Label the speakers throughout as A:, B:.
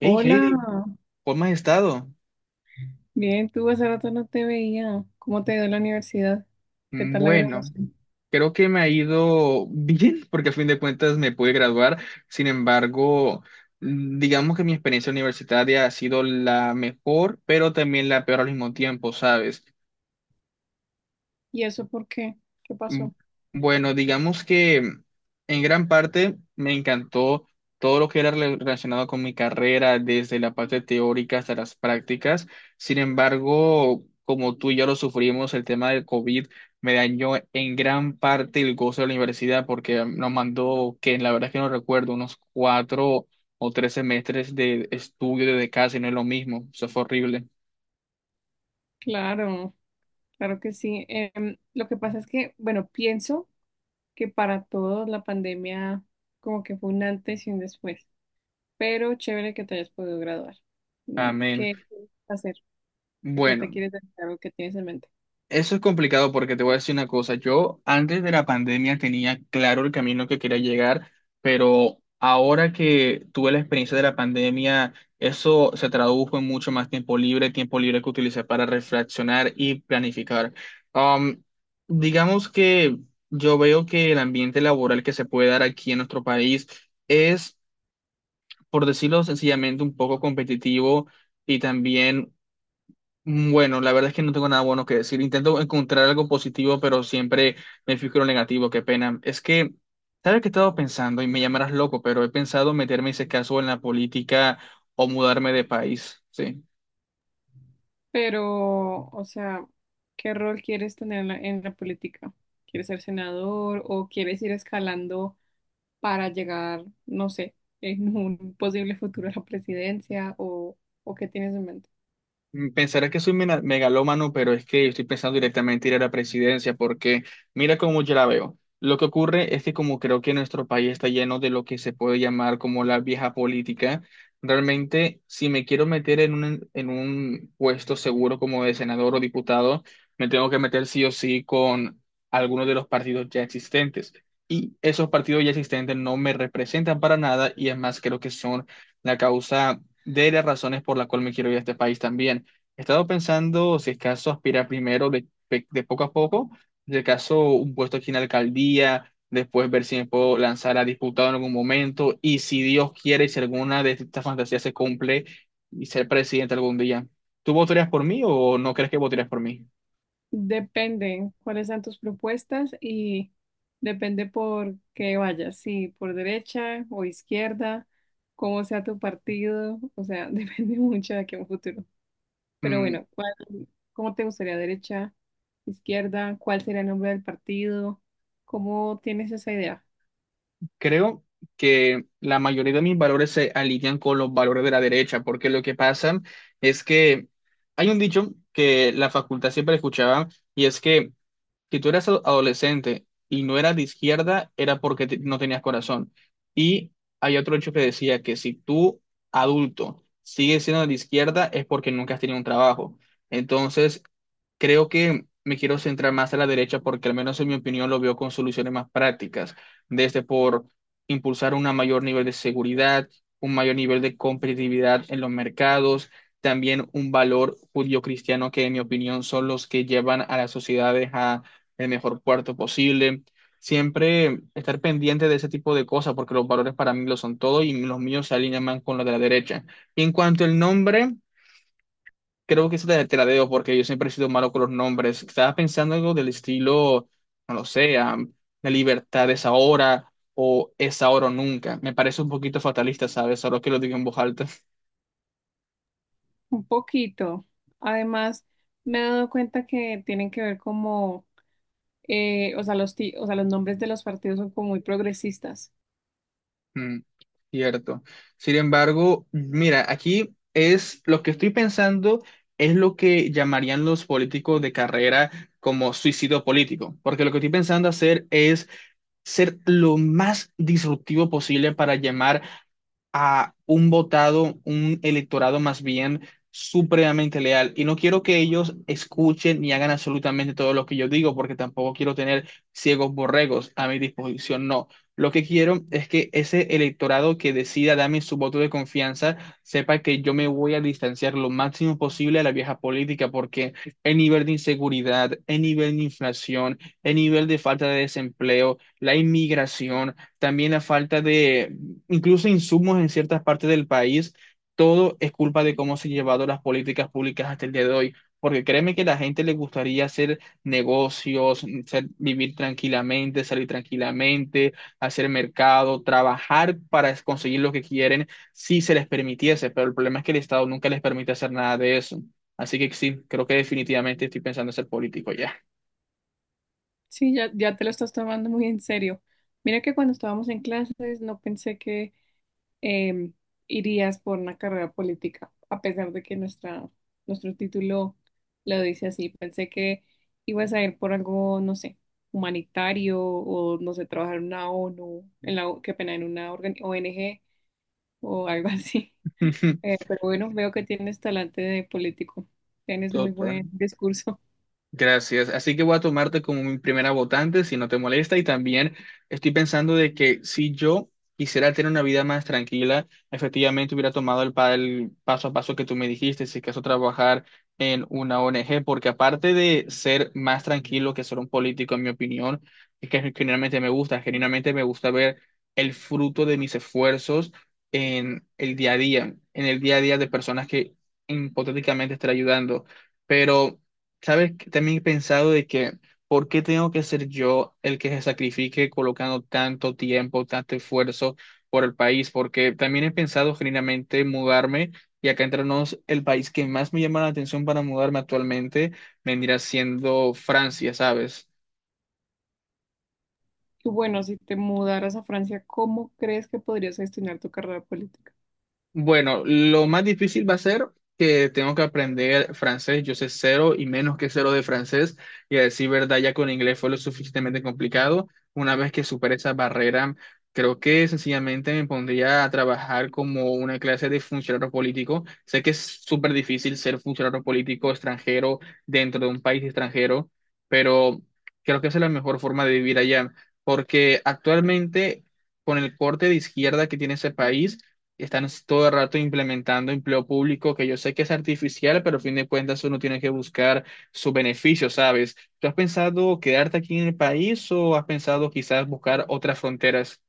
A: Hey
B: Hola,
A: Heidi, ¿cómo has estado?
B: bien, tú hace rato no te veía. ¿Cómo te dio la universidad? ¿Qué tal la
A: Bueno,
B: graduación?
A: creo que me ha ido bien, porque a fin de cuentas me pude graduar. Sin embargo, digamos que mi experiencia universitaria ha sido la mejor, pero también la peor al mismo tiempo, ¿sabes?
B: ¿Y eso por qué? ¿Qué
A: Mm,
B: pasó?
A: Bueno, digamos que en gran parte me encantó todo lo que era relacionado con mi carrera, desde la parte teórica hasta las prácticas. Sin embargo, como tú y yo lo sufrimos, el tema del COVID me dañó en gran parte el gozo de la universidad porque nos mandó, que la verdad es que no recuerdo, unos cuatro o tres semestres de estudio desde casa y no es lo mismo. Eso fue horrible.
B: Claro, claro que sí. Lo que pasa es que, bueno, pienso que para todos la pandemia como que fue un antes y un después, pero chévere que te hayas podido graduar. Mm,
A: Amén.
B: ¿qué quieres hacer? ¿A ¿Qué te
A: Bueno.
B: quieres dedicar o qué tienes en mente?
A: Eso es complicado porque te voy a decir una cosa. Yo antes de la pandemia tenía claro el camino que quería llegar, pero ahora que tuve la experiencia de la pandemia, eso se tradujo en mucho más tiempo libre que utilicé para reflexionar y planificar. Um, digamos que yo veo que el ambiente laboral que se puede dar aquí en nuestro país es, por decirlo sencillamente, un poco competitivo y también. Bueno, la verdad es que no tengo nada bueno que decir. Intento encontrar algo positivo, pero siempre me fijo en lo negativo, qué pena. Es que, ¿sabes qué he estado pensando? Y me llamarás loco, pero he pensado meterme, en ese caso, en la política o mudarme de país, ¿sí?
B: Pero, o sea, ¿qué rol quieres tener en en la política? ¿Quieres ser senador o quieres ir escalando? Para llegar, no sé, en un posible futuro a la presidencia o ¿qué tienes en mente?
A: Pensarás que soy megalómano, pero es que estoy pensando directamente ir a la presidencia, porque mira cómo yo la veo. Lo que ocurre es que como creo que nuestro país está lleno de lo que se puede llamar como la vieja política, realmente si me quiero meter en un puesto seguro como de senador o diputado, me tengo que meter sí o sí con alguno de los partidos ya existentes. Y esos partidos ya existentes no me representan para nada y es más, creo que son la causa de las razones por la cual me quiero ir a este país también. He estado pensando si es caso aspirar primero de poco a poco, si es caso un puesto aquí en la alcaldía, después ver si me puedo lanzar a diputado en algún momento y si Dios quiere y si alguna de estas fantasías se cumple y ser presidente algún día. ¿Tú votarías por mí o no crees que votarías por mí?
B: Depende cuáles sean tus propuestas y depende por qué vayas, si por derecha o izquierda, cómo sea tu partido, o sea, depende mucho de aquí a un futuro. Pero
A: Mm,
B: bueno, ¿cómo te gustaría derecha, izquierda? ¿Cuál sería el nombre del partido? ¿Cómo tienes esa idea?
A: Creo que la mayoría de mis valores se alinean con los valores de la derecha, porque lo que pasa es que hay un dicho que la facultad siempre escuchaba y es que si tú eras adolescente y no eras de izquierda, era porque no tenías corazón. Y hay otro hecho que decía que si tú, adulto, sigues siendo de izquierda, es porque nunca has tenido un trabajo. Entonces, creo que me quiero centrar más a la derecha porque al menos en mi opinión lo veo con soluciones más prácticas, desde por impulsar un mayor nivel de seguridad, un mayor nivel de competitividad en los mercados, también un valor judío-cristiano que en mi opinión son los que llevan a las sociedades a el mejor cuarto posible. Siempre estar pendiente de ese tipo de cosas, porque los valores para mí lo son todo y los míos se alinean más con los de la derecha. Y en cuanto al nombre, creo que eso te la debo, porque yo siempre he sido malo con los nombres. Estaba pensando algo del estilo, no lo sé, la libertad es ahora o nunca. Me parece un poquito fatalista, ¿sabes? Ahora que lo digo en voz alta.
B: Un poquito. Además, me he dado cuenta que tienen que ver como o sea, o sea, los nombres de los partidos son como muy progresistas.
A: Mm, Cierto. Sin embargo, mira, aquí es lo que estoy pensando es lo que llamarían los políticos de carrera como suicidio político, porque lo que estoy pensando hacer es ser lo más disruptivo posible para llamar a un votado, un electorado más bien supremamente leal. Y no quiero que ellos escuchen ni hagan absolutamente todo lo que yo digo, porque tampoco quiero tener ciegos borregos a mi disposición, no. Lo que quiero es que ese electorado que decida darme su voto de confianza sepa que yo me voy a distanciar lo máximo posible a la vieja política, porque el nivel de inseguridad, el nivel de inflación, el nivel de falta de desempleo, la inmigración, también la falta de incluso insumos en ciertas partes del país, todo es culpa de cómo se han llevado las políticas públicas hasta el día de hoy. Porque créeme que a la gente le gustaría hacer negocios, vivir tranquilamente, salir tranquilamente, hacer mercado, trabajar para conseguir lo que quieren, si se les permitiese. Pero el problema es que el Estado nunca les permite hacer nada de eso. Así que sí, creo que definitivamente estoy pensando en ser político ya.
B: Sí, ya, ya te lo estás tomando muy en serio. Mira que cuando estábamos en clases no pensé que em, irías por una carrera política, a pesar de que nuestro título lo dice así. Pensé que ibas a ir por algo, no sé, humanitario o, no sé, trabajar en una ONU, en qué pena, en una organ- o ONG o algo así. Pero bueno, veo que tienes talante de político. Tienes muy
A: Total.
B: buen discurso.
A: Gracias. Así que voy a tomarte como mi primera votante, si no te molesta. Y también estoy pensando de que si yo quisiera tener una vida más tranquila, efectivamente hubiera tomado el paso a paso que tú me dijiste, si acaso trabajar en una ONG, porque aparte de ser más tranquilo que ser un político, en mi opinión, es que generalmente me gusta, genuinamente me gusta ver el fruto de mis esfuerzos en el día a día, en el día a día de personas que hipotéticamente estaré ayudando. Pero ¿sabes? Que también he pensado de que, ¿por qué tengo que ser yo el que se sacrifique colocando tanto tiempo, tanto esfuerzo por el país? Porque también he pensado genuinamente mudarme y acá entre nos, el país que más me llama la atención para mudarme actualmente vendría siendo Francia, ¿sabes?
B: Y bueno, si te mudaras a Francia, ¿cómo crees que podrías gestionar tu carrera política?
A: Bueno, lo más difícil va a ser que tengo que aprender francés. Yo sé cero y menos que cero de francés. Y a decir verdad, ya con inglés fue lo suficientemente complicado. Una vez que supere esa barrera, creo que sencillamente me pondría a trabajar como una clase de funcionario político. Sé que es súper difícil ser funcionario político extranjero dentro de un país extranjero, pero creo que esa es la mejor forma de vivir allá. Porque actualmente, con el corte de izquierda que tiene ese país, están todo el rato implementando empleo público que yo sé que es artificial, pero a fin de cuentas uno tiene que buscar su beneficio, ¿sabes? ¿Tú has pensado quedarte aquí en el país o has pensado quizás buscar otras fronteras?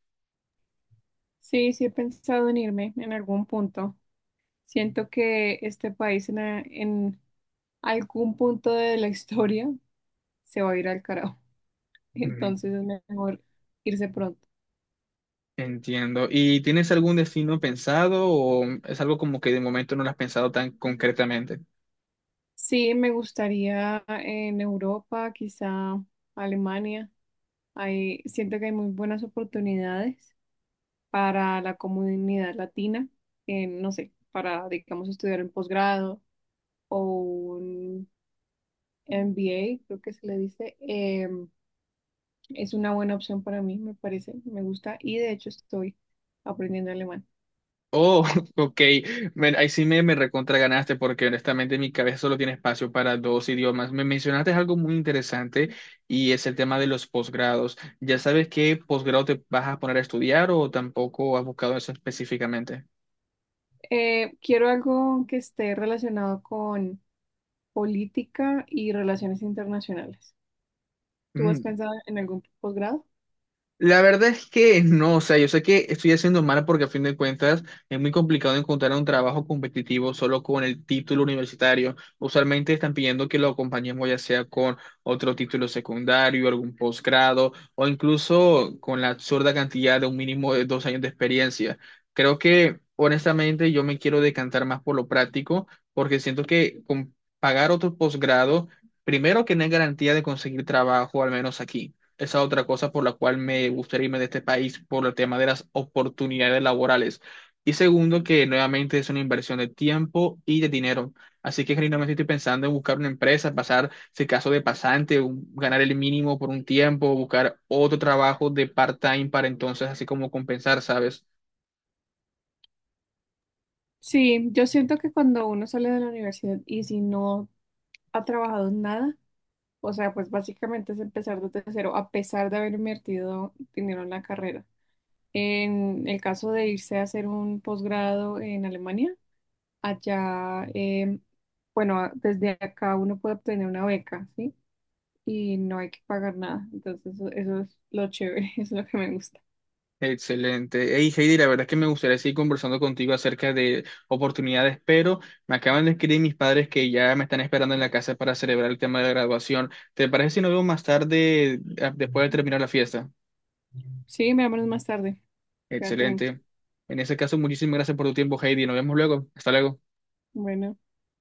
B: Sí, sí he pensado en irme en algún punto. Siento que este país en algún punto de la historia se va a ir al carajo.
A: Mm,
B: Entonces es mejor irse pronto.
A: Entiendo. ¿Y tienes algún destino pensado o es algo como que de momento no lo has pensado tan concretamente?
B: Sí, me gustaría en Europa, quizá Alemania. Ahí siento que hay muy buenas oportunidades para la comunidad latina, en, no sé, para, digamos, estudiar en posgrado o un MBA, creo que se le dice. Es una buena opción para mí, me parece, me gusta, y de hecho estoy aprendiendo alemán.
A: Oh, ok. Ahí sí me recontra ganaste porque honestamente mi cabeza solo tiene espacio para dos idiomas. Me mencionaste algo muy interesante y es el tema de los posgrados. ¿Ya sabes qué posgrado te vas a poner a estudiar o tampoco has buscado eso específicamente?
B: Quiero algo que esté relacionado con política y relaciones internacionales. ¿Tú has pensado en algún posgrado?
A: La verdad es que no, o sea, yo sé que estoy haciendo mal porque a fin de cuentas es muy complicado encontrar un trabajo competitivo solo con el título universitario. Usualmente están pidiendo que lo acompañemos ya sea con otro título secundario, algún posgrado o incluso con la absurda cantidad de un mínimo de 2 años de experiencia. Creo que honestamente yo me quiero decantar más por lo práctico porque siento que con pagar otro posgrado, primero que no hay garantía de conseguir trabajo, al menos aquí. Esa otra cosa por la cual me gustaría irme de este país por el tema de las oportunidades laborales. Y segundo, que nuevamente es una inversión de tiempo y de dinero. Así que genuinamente estoy pensando en buscar una empresa, pasar, si caso de pasante, ganar el mínimo por un tiempo, buscar otro trabajo de part-time para entonces así como compensar, ¿sabes?
B: Sí, yo siento que cuando uno sale de la universidad y si no ha trabajado en nada, o sea, pues básicamente es empezar desde cero, a pesar de haber invertido dinero en la carrera. En el caso de irse a hacer un posgrado en Alemania, allá, desde acá uno puede obtener una beca, ¿sí? Y no hay que pagar nada. Entonces, eso es lo chévere, es lo que me gusta.
A: Excelente. Hey Heidi, la verdad es que me gustaría seguir conversando contigo acerca de oportunidades, pero me acaban de escribir mis padres que ya me están esperando en la casa para celebrar el tema de graduación. ¿Te parece si nos vemos más tarde, después de terminar la fiesta?
B: Sí, me hablamos más tarde. Cuídate mucho.
A: Excelente. En ese caso, muchísimas gracias por tu tiempo, Heidi. Nos vemos luego. Hasta luego.
B: Bueno.